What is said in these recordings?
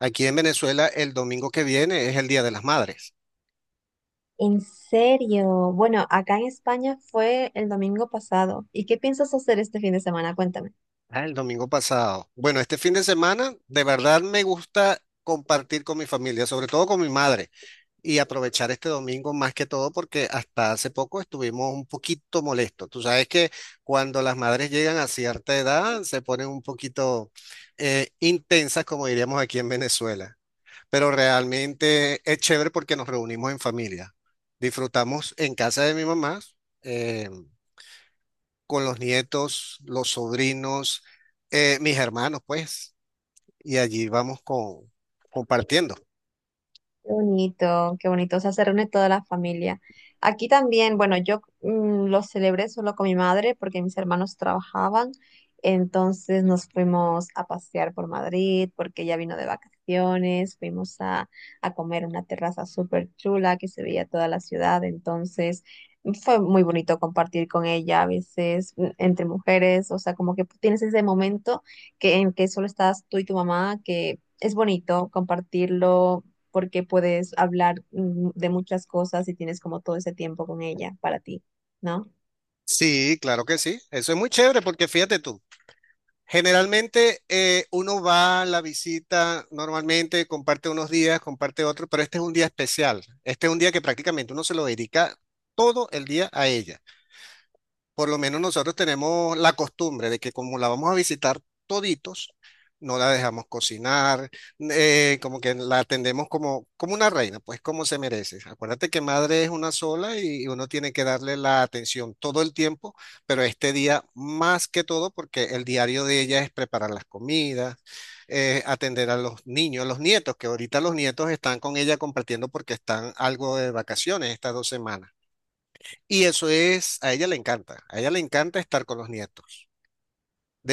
Aquí en Venezuela el domingo que viene es el Día de las Madres. En serio. Bueno, acá en España fue el domingo pasado. ¿Y qué piensas hacer este fin de semana? Cuéntame. Ah, el domingo pasado. Bueno, este fin de semana de verdad me gusta compartir con mi familia, sobre todo con mi madre, y aprovechar este domingo más que todo porque hasta hace poco estuvimos un poquito molestos. Tú sabes que cuando las madres llegan a cierta edad se ponen un poquito intensas, como diríamos aquí en Venezuela, pero realmente es chévere porque nos reunimos en familia. Disfrutamos en casa de mi mamá, eh, con los nietos, los sobrinos, mis hermanos, pues, y allí vamos compartiendo. Qué bonito, qué bonito. O sea, se reúne toda la familia. Aquí también, bueno, yo lo celebré solo con mi madre porque mis hermanos trabajaban. Entonces nos fuimos a pasear por Madrid porque ella vino de vacaciones. Fuimos a comer en una terraza súper chula que se veía toda la ciudad. Entonces fue muy bonito compartir con ella a veces entre mujeres. O sea, como que tienes ese momento en que solo estás tú y tu mamá, que es bonito compartirlo porque puedes hablar de muchas cosas y tienes como todo ese tiempo con ella para ti, ¿no? Sí, claro que sí. Eso es muy chévere porque fíjate tú. Generalmente uno va a la visita normalmente, comparte unos días, comparte otros, pero este es un día especial. Este es un día que prácticamente uno se lo dedica todo el día a ella. Por lo menos nosotros tenemos la costumbre de que como la vamos a visitar toditos, no la dejamos cocinar, como que la atendemos como una reina, pues como se merece. Acuérdate que madre es una sola y uno tiene que darle la atención todo el tiempo, pero este día más que todo porque el diario de ella es preparar las comidas, atender a los niños, los nietos, que ahorita los nietos están con ella compartiendo porque están algo de vacaciones estas 2 semanas. Y eso es, a ella le encanta, a ella le encanta estar con los nietos.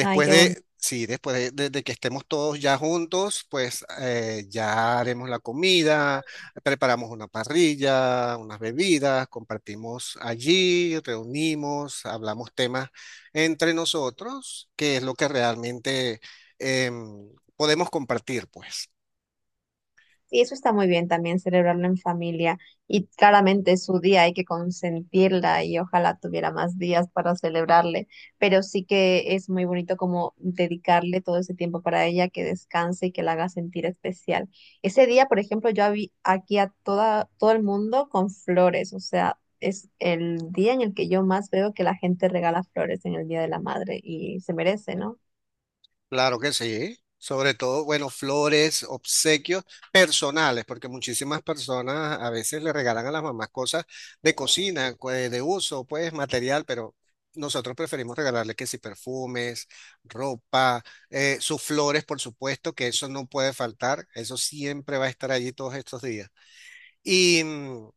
Ay, qué bonito. de, sí, después de, de que estemos todos ya juntos, pues ya haremos la comida, preparamos una parrilla, unas bebidas, compartimos allí, reunimos, hablamos temas entre nosotros, que es lo que realmente em, podemos compartir, pues. Sí, eso está muy bien también, celebrarlo en familia. Y claramente es su día, hay que consentirla y ojalá tuviera más días para celebrarle. Pero sí que es muy bonito como dedicarle todo ese tiempo para ella, que descanse y que la haga sentir especial. Ese día, por ejemplo, yo vi aquí a toda, todo el mundo con flores. O sea, es el día en el que yo más veo que la gente regala flores en el Día de la Madre y se merece, ¿no? Claro que sí. Sobre todo, bueno, flores, obsequios personales, porque muchísimas personas a veces le regalan a las mamás cosas de cocina, pues, de uso, pues material, pero nosotros preferimos regalarle que si perfumes, ropa, sus flores, por supuesto, que eso no puede faltar, eso siempre va a estar allí todos estos días. Y mm,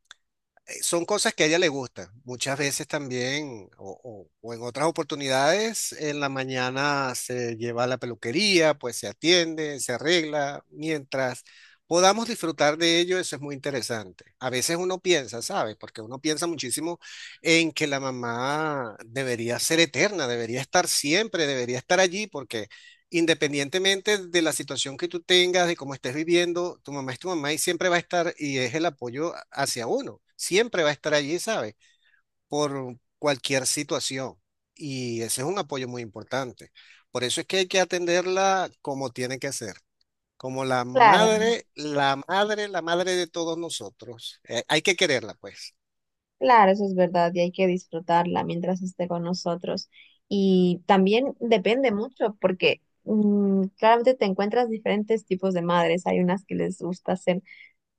eh, son cosas que a ella le gustan. Muchas veces también, o en otras oportunidades, en la mañana se lleva a la peluquería, pues se atiende, se arregla, mientras podamos disfrutar de ello, eso es muy interesante. A veces uno piensa, ¿sabes? Porque uno piensa muchísimo en que la mamá debería ser eterna, debería estar siempre, debería estar allí, porque independientemente de la situación que tú tengas, de cómo estés viviendo, tu mamá es tu mamá y siempre va a estar y es el apoyo hacia uno. Siempre va a estar allí, ¿sabes? Por cualquier situación. Y ese es un apoyo muy importante. Por eso es que hay que atenderla como tiene que ser, como la Claro. madre, la madre, la madre de todos nosotros. Hay que quererla, pues. Claro, eso es verdad y hay que disfrutarla mientras esté con nosotros. Y también depende mucho porque claramente te encuentras diferentes tipos de madres. Hay unas que les gusta hacer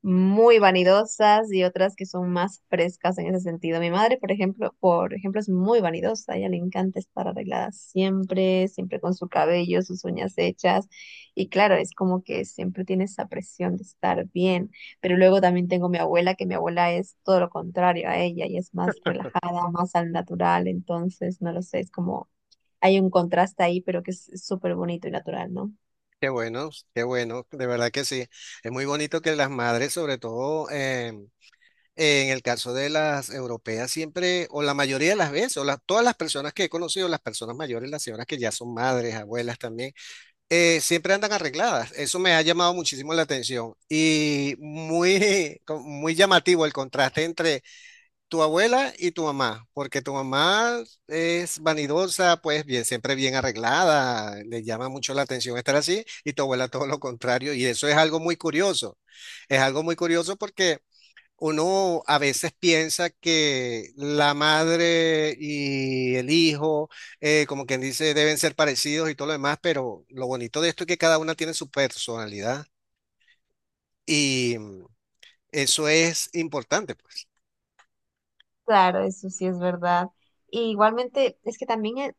muy vanidosas y otras que son más frescas en ese sentido. Mi madre, por ejemplo, es muy vanidosa, a ella le encanta estar arreglada siempre, siempre con su cabello, sus uñas hechas y claro, es como que siempre tiene esa presión de estar bien, pero luego también tengo mi abuela, que mi abuela es todo lo contrario a ella y es más relajada, más al natural, entonces no lo sé, es como hay un contraste ahí, pero que es súper bonito y natural, ¿no? Qué bueno, de verdad que sí. Es muy bonito que las madres, sobre todo, en el caso de las europeas, siempre, o la mayoría de las veces, o todas las personas que he conocido, las personas mayores, las señoras que ya son madres, abuelas también, siempre andan arregladas. Eso me ha llamado muchísimo la atención y muy, muy llamativo el contraste entre tu abuela y tu mamá, porque tu mamá es vanidosa, pues bien, siempre bien arreglada, le llama mucho la atención estar así, y tu abuela todo lo contrario, y eso es algo muy curioso. Es algo muy curioso porque uno a veces piensa que la madre y el hijo, como quien dice, deben ser parecidos y todo lo demás, pero lo bonito de esto es que cada una tiene su personalidad y eso es importante, pues. Claro, eso sí es verdad. Y igualmente, es que también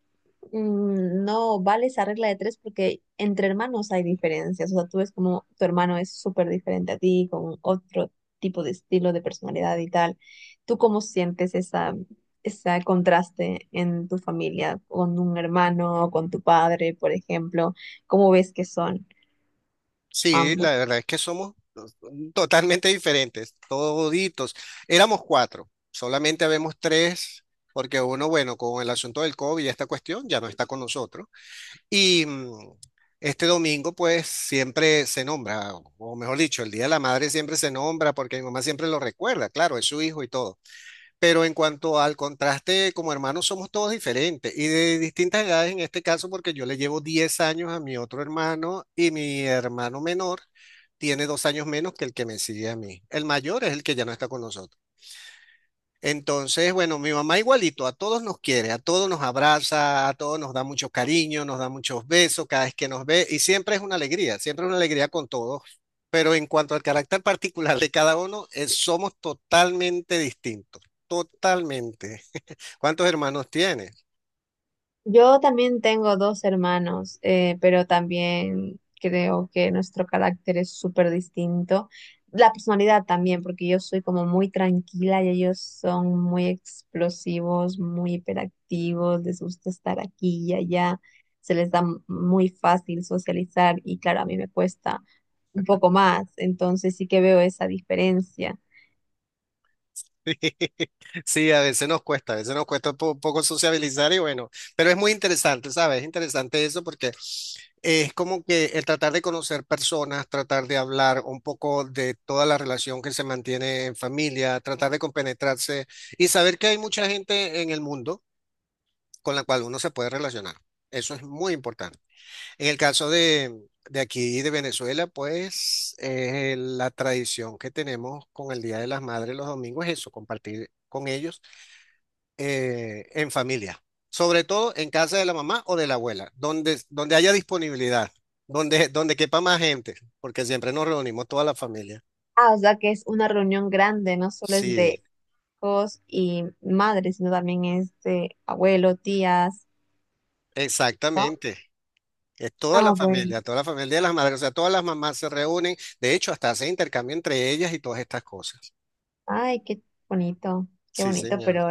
Mm, No vale esa regla de tres porque entre hermanos hay diferencias. O sea, tú ves como tu hermano es súper diferente a ti, con otro tipo de estilo de personalidad y tal. ¿Tú cómo sientes ese contraste en tu familia, con un hermano, con tu padre, por ejemplo? ¿Cómo ves que son Sí, ambos? la verdad es que somos totalmente diferentes, toditos. Éramos cuatro, solamente habemos tres, porque uno, bueno, con el asunto del COVID y esta cuestión, ya no está con nosotros. Y este domingo, pues, siempre se nombra, o mejor dicho, el Día de la Madre siempre se nombra porque mi mamá siempre lo recuerda, claro, es su hijo y todo. Pero en cuanto al contraste, como hermanos somos todos diferentes y de distintas edades en este caso, porque yo le llevo 10 años a mi otro hermano y mi hermano menor tiene 2 años menos que el que me sigue a mí. El mayor es el que ya no está con nosotros. Entonces, bueno, mi mamá igualito, a todos nos quiere, a todos nos abraza, a todos nos da mucho cariño, nos da muchos besos cada vez que nos ve y siempre es una alegría, siempre es una alegría con todos. Pero en cuanto al carácter particular de cada uno, somos totalmente distintos, totalmente. ¿Cuántos hermanos tienes? Yo también tengo dos hermanos, pero también creo que nuestro carácter es súper distinto. La personalidad también, porque yo soy como muy tranquila y ellos son muy explosivos, muy hiperactivos, les gusta estar aquí y allá, se les da muy fácil socializar y claro, a mí me cuesta un poco más, entonces sí que veo esa diferencia. Sí, a veces nos cuesta, a veces nos cuesta un poco sociabilizar y bueno, pero es muy interesante, ¿sabes? Es interesante eso porque es como que el tratar de conocer personas, tratar de hablar un poco de toda la relación que se mantiene en familia, tratar de compenetrarse y saber que hay mucha gente en el mundo con la cual uno se puede relacionar. Eso es muy importante. En el caso de aquí, de Venezuela, pues la tradición que tenemos con el Día de las Madres los domingos es eso, compartir con ellos en familia, sobre todo en casa de la mamá o de la abuela, donde haya disponibilidad, donde quepa más gente, porque siempre nos reunimos toda la familia. Ah, o sea que es una reunión grande, no solo es de Sí, hijos y madres, sino también es de abuelo, tías, ¿no? exactamente. Es Ah, bueno. Toda la familia de las madres, o sea, todas las mamás se reúnen, de hecho, hasta hacen intercambio entre ellas y todas estas cosas. Ay, qué Sí, bonito, señor. pero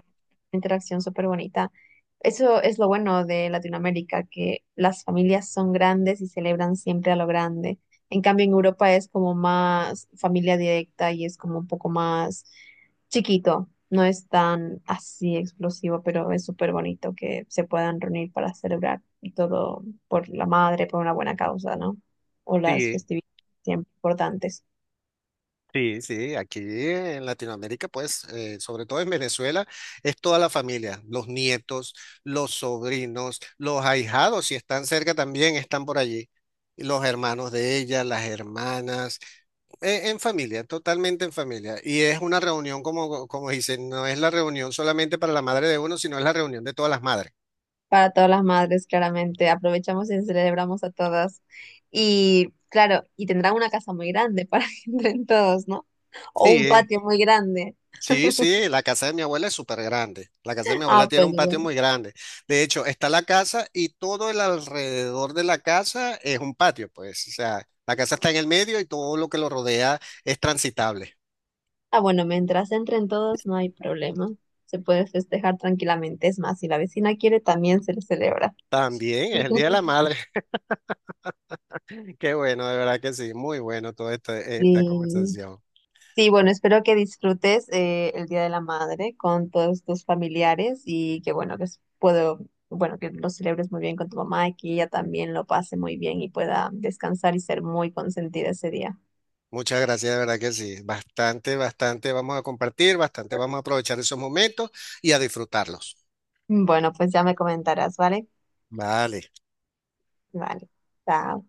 interacción súper bonita. Eso es lo bueno de Latinoamérica, que las familias son grandes y celebran siempre a lo grande. En cambio, en Europa es como más familia directa y es como un poco más chiquito. No es tan así explosivo, pero es súper bonito que se puedan reunir para celebrar y todo por la madre, por una buena causa, ¿no? O las Sí. festividades siempre importantes. Sí, sí, aquí en Latinoamérica, pues, sobre todo en Venezuela, es toda la familia, los nietos, los sobrinos, los ahijados, si están cerca también, están por allí, y los hermanos de ella, las hermanas, en familia, totalmente en familia. Y es una reunión, como dicen, no es la reunión solamente para la madre de uno, sino es la reunión de todas las madres. Para todas las madres, claramente. Aprovechamos y celebramos a todas. Y claro, y tendrán una casa muy grande para que entren todos, ¿no? O un Sí, patio muy grande. Sí, sí, la casa de mi abuela es súper grande. La casa de mi abuela Ah, tiene pues un patio muy bueno. grande. De hecho, está la casa y todo el alrededor de la casa es un patio, pues. O sea, la casa está en el medio y todo lo que lo rodea es transitable. Ah, bueno, mientras entren todos no hay problema. Se puede festejar tranquilamente. Es más, si la vecina quiere, también se le celebra. También es el Día de la Madre. Qué bueno, de verdad que sí. Muy bueno toda esta Sí. conversación. Sí, bueno, espero que disfrutes el Día de la Madre con todos tus familiares y que bueno, bueno, que lo celebres muy bien con tu mamá y que ella también lo pase muy bien y pueda descansar y ser muy consentida ese día. Muchas gracias, de verdad que sí. Bastante, bastante vamos a compartir, bastante vamos a aprovechar esos momentos y a disfrutarlos. Bueno, pues ya me comentarás, ¿vale? Vale. Vale. Chao.